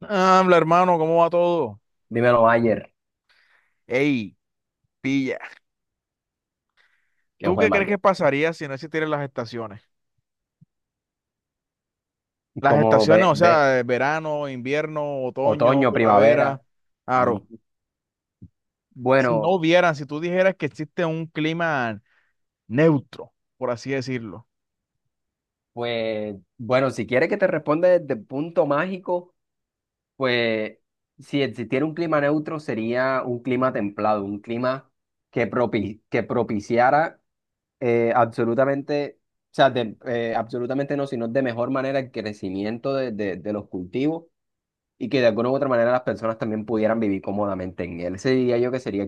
Habla, hermano, ¿cómo va todo? Dímelo, Mayer, Ey, pilla. que ¿Tú fue qué crees que Mayer. pasaría si no existieran las estaciones? Las ¿Cómo estaciones, ve, o ve sea, verano, invierno, otoño, otoño, primavera, primavera? Mm. aro. Si no Bueno, hubieran, si tú dijeras que existe un clima neutro, por así decirlo. pues, bueno, si quieres que te responda desde el punto mágico, pues si existiera un clima neutro sería un clima templado, un clima que propiciara absolutamente, o sea, absolutamente no, sino de mejor manera el crecimiento de los cultivos y que de alguna u otra manera las personas también pudieran vivir cómodamente en él. Ese diría yo que sería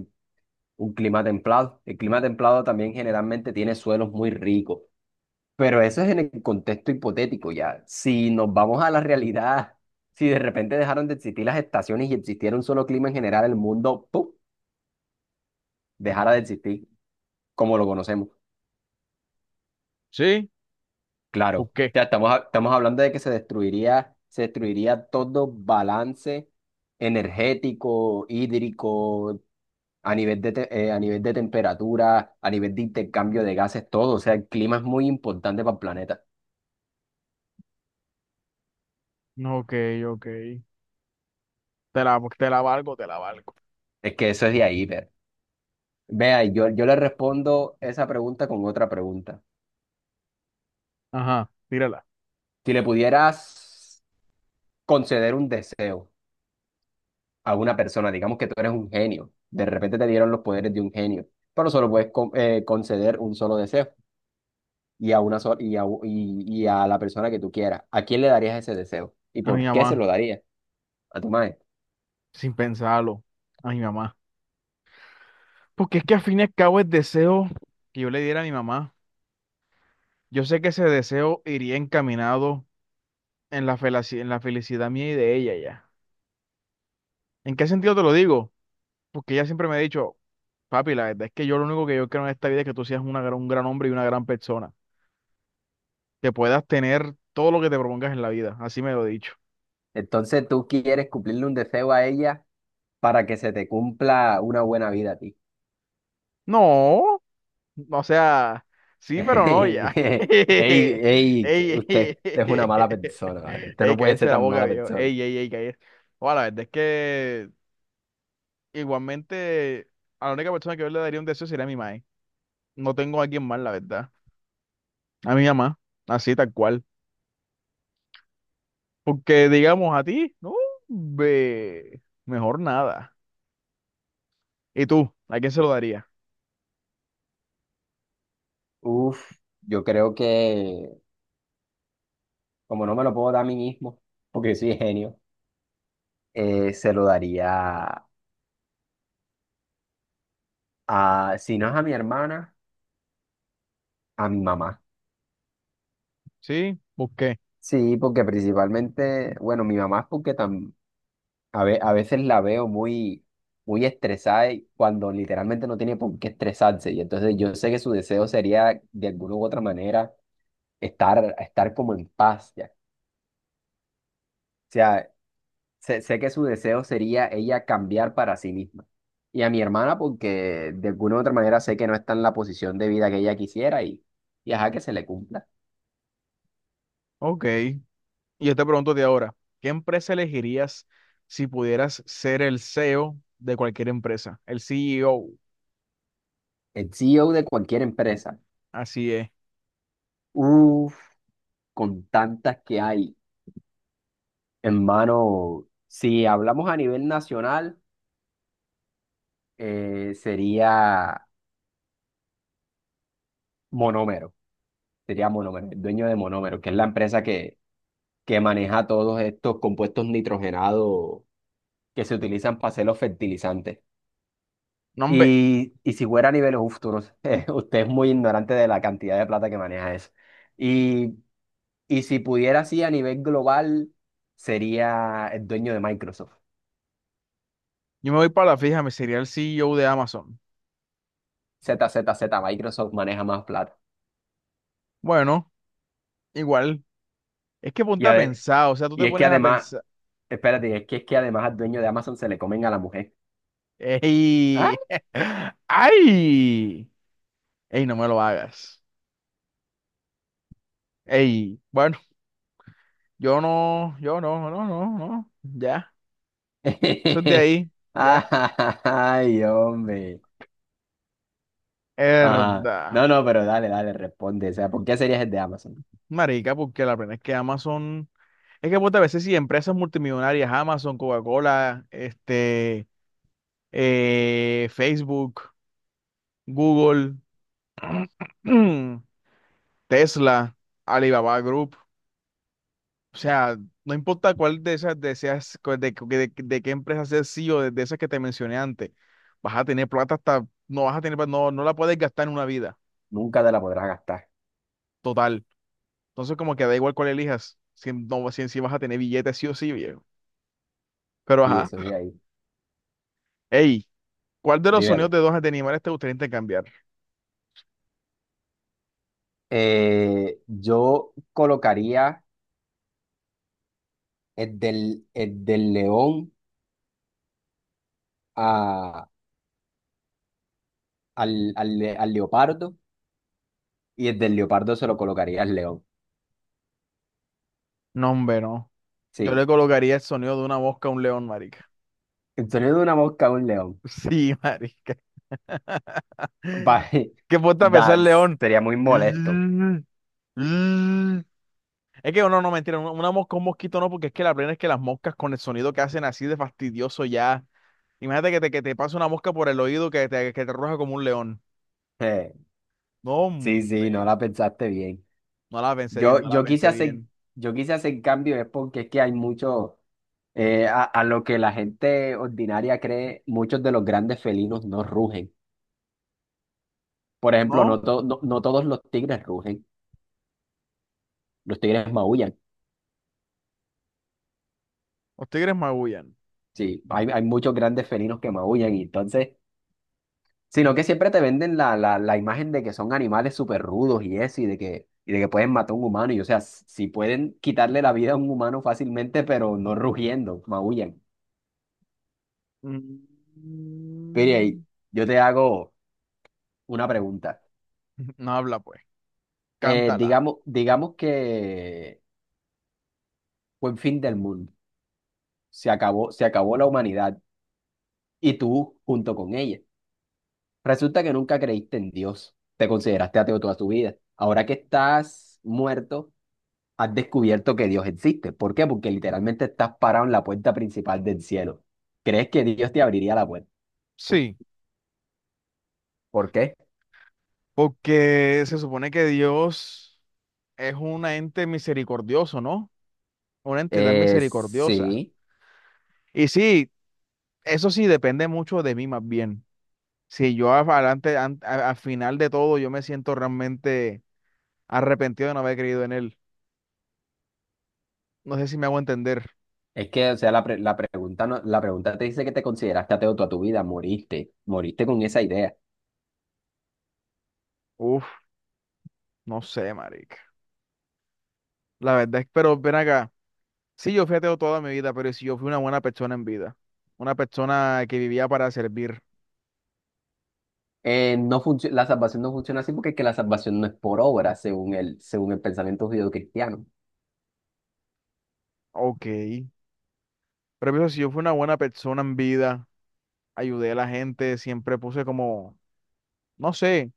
un clima templado. El clima templado también generalmente tiene suelos muy ricos, pero eso es en el contexto hipotético ya. Si nos vamos a la realidad, si de repente dejaron de existir las estaciones y existiera un solo clima en general, el mundo, ¡pum!, dejara de existir como lo conocemos. ¿Sí? ¿O Claro, qué? ya estamos hablando de que se destruiría todo balance energético, hídrico, a nivel de temperatura, a nivel de intercambio de gases, todo. O sea, el clima es muy importante para el planeta. No. Ok, ok. Te la valgo, te la valgo. Es que eso es de ahí, pero. Vea, yo le respondo esa pregunta con otra pregunta. Ajá, tírala. Si le pudieras conceder un deseo a una persona, digamos que tú eres un genio, de repente te dieron los poderes de un genio, pero solo puedes conceder un solo deseo y a una sola, y a la persona que tú quieras. ¿A quién le darías ese deseo? ¿Y A mi por qué se mamá, lo darías? ¿A tu madre? sin pensarlo. A mi mamá. Porque es que al fin y al cabo el deseo que yo le diera a mi mamá, yo sé que ese deseo iría encaminado en la felicidad mía y de ella ya. ¿En qué sentido te lo digo? Porque ella siempre me ha dicho, papi, la verdad es que yo lo único que yo quiero en esta vida es que tú seas un gran hombre y una gran persona, que puedas tener todo lo que te propongas en la vida, así me lo he dicho. Entonces tú quieres cumplirle un deseo a ella para que se te cumpla una buena vida a ti. No, o sea, sí, pero no ya. Ey, Ey, ey, que usted, ey, usted es una ey, mala persona, ¿vale? Usted ey, no puede cállese ser la tan boca, mala viejo. persona. Ey, ey, ey, cállese. Bueno, la verdad es que, igualmente, a la única persona que yo le daría un deseo sería a mi madre. No tengo a alguien más, la verdad. A mi mamá, así tal cual. Porque digamos a ti, no, ve, mejor nada. ¿Y tú? ¿A quién se lo daría? Uf, yo creo que como no me lo puedo dar a mí mismo, porque soy genio, se lo daría a, si no es a mi hermana, a mi mamá. ¿Sí? ¿Por qué? Sí, porque principalmente, bueno, mi mamá es porque a veces la veo muy estresada y cuando literalmente no tiene por qué estresarse. Y entonces yo sé que su deseo sería, de alguna u otra manera, estar como en paz ya. O sea, sé que su deseo sería ella cambiar para sí misma. Y a mi hermana, porque de alguna u otra manera sé que no está en la posición de vida que ella quisiera y ajá, que se le cumpla. Ok. Y yo te pregunto de ahora, ¿qué empresa elegirías si pudieras ser el CEO de cualquier empresa? El CEO, El CEO de cualquier empresa, así es. uff, con tantas que hay en mano, si hablamos a nivel nacional. Eh, sería Monómero, sería Monómero, el dueño de Monómero, que es la empresa que maneja todos estos compuestos nitrogenados que se utilizan para hacer los fertilizantes. No, hombre, Y si fuera a niveles, uf, tú no sé, usted es muy ignorante de la cantidad de plata que maneja eso. Y, y si pudiera así a nivel global, sería el dueño de Microsoft. yo me voy para la fija, me sería el CEO de Amazon. Z Z Z Microsoft maneja más plata. Bueno, igual. Es que Y, ponte a ade- pensar, o sea, tú te y es que pones a además, pensar. espérate, es que además al dueño de Amazon se le comen a la mujer. ¡Ah! Ey, ay, ey, no me lo hagas. Ey, bueno, yo no, yo no, no, no, no, ya, eso es de ahí, ya. Ay, hombre. Ajá. Herda, No, no, pero dale, dale, responde. O sea, ¿por qué serías el de Amazon? marica, porque la pena es que Amazon, es que pues, a veces sí, empresas multimillonarias, Amazon, Coca-Cola, este, Facebook, Google, Tesla, Alibaba Group. O sea, no importa cuál de esas deseas, cuál de qué empresa seas CEO de esas que te mencioné antes, vas a tener plata hasta, no vas a tener, no, no la puedes gastar en una vida Nunca te la podrás gastar. total. Entonces, como que da igual cuál elijas, si, no, si vas a tener billetes sí o sí, viejo. Pero Sí, ajá. eso sí, ahí. Ey, ¿cuál de los Dímelo. sonidos de dos de animales te gustaría intercambiar? Yo colocaría el del león a, al leopardo y el del leopardo se lo colocaría al león. No, hombre, no. Yo le Sí. colocaría el sonido de una mosca a un león, marica. El sonido de una mosca a un león. Sí, marica. Va- ¿Qué puesta a pensar, da- león? sería muy molesto. Es que no, no, mentira, una mosca, un mosquito no, porque es que la plena es que las moscas con el sonido que hacen así de fastidioso ya. Imagínate que te pasa una mosca por el oído que te ruja como un león. Eh, No, sí, sí, no hombre, la pensaste bien. no la pensé bien, Yo, no la yo quise pensé hacer, bien. yo quise hacer cambio es porque es que hay mucho, a lo que la gente ordinaria cree, muchos de los grandes felinos no rugen. Por ejemplo, ¿No? No todos los tigres rugen, los tigres maullan. Los tigres magullan. Sí, hay muchos grandes felinos que maullan y entonces, sino que siempre te venden la imagen de que son animales súper rudos y eso, y de que pueden matar a un humano. Y o sea, s- si pueden quitarle la vida a un humano fácilmente, pero no rugiendo, maullan. Pero Mm. yo te hago una pregunta. No habla pues, Eh, cántala. digamos, digamos que fue el fin del mundo. Se acabó la humanidad y tú junto con ella. Resulta que nunca creíste en Dios. Te consideraste ateo toda tu vida. Ahora que estás muerto, has descubierto que Dios existe. ¿Por qué? Porque literalmente estás parado en la puerta principal del cielo. ¿Crees que Dios te abriría la puerta? Sí, ¿Por qué? porque se supone que Dios es un ente misericordioso, ¿no? Una entidad misericordiosa. Sí. Y sí, eso sí depende mucho de mí más bien. Si yo adelante, al final de todo, yo me siento realmente arrepentido de no haber creído en él. No sé si me hago entender. Es que, o sea, la, pre- la pregunta no- la pregunta te dice que te consideraste ateo toda tu vida, moriste con esa idea. Uf, no sé, marica. La verdad es, pero ven acá. Sí, yo fui ateo toda mi vida, pero si yo fui una buena persona en vida. Una persona que vivía para servir. La salvación no funciona así porque es que la salvación no es por obra, según el pensamiento judeocristiano. Ok. Pero pienso, si yo fui una buena persona en vida, ayudé a la gente, siempre puse como, no sé,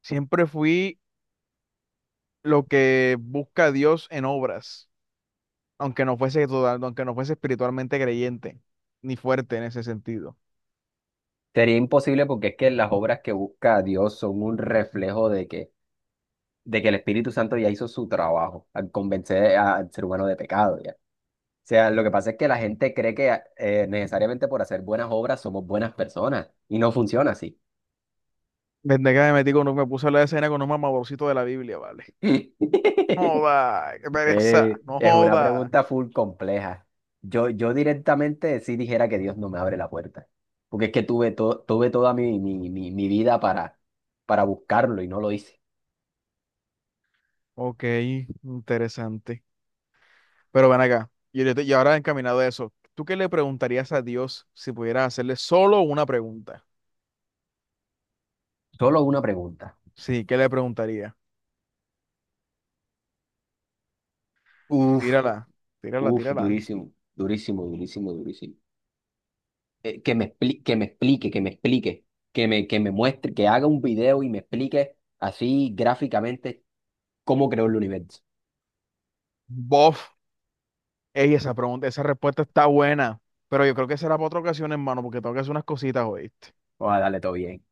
siempre fui lo que busca Dios en obras, aunque no fuese total, aunque no fuese espiritualmente creyente, ni fuerte en ese sentido. Sería imposible porque es que las obras que busca Dios son un reflejo de que el Espíritu Santo ya hizo su trabajo al convencer al ser humano de pecado, ya. O sea, lo que pasa es que la gente cree que necesariamente por hacer buenas obras somos buenas personas y no funciona así. Desde que me metí me puse a la escena con un mamaborcito de la Biblia, ¿vale? Joda, qué pereza, no es una joda. pregunta full compleja. Yo directamente sí dijera que Dios no me abre la puerta, porque es que tuve toda mi vida para buscarlo y no lo hice. Ok, interesante. Pero ven acá, y ahora encaminado a eso, ¿tú qué le preguntarías a Dios si pudieras hacerle solo una pregunta? Solo una pregunta. Sí, ¿qué le preguntaría? Uf, Tírala, tírala, uf, tírala. durísimo, durísimo, durísimo, durísimo. Que me explique, que me explique, que me muestre, que haga un video y me explique así gráficamente cómo creó el universo. Bof, ey, esa pregunta, esa respuesta está buena, pero yo creo que será para otra ocasión, hermano, porque tengo que hacer unas cositas, ¿oíste? Vamos a darle todo bien.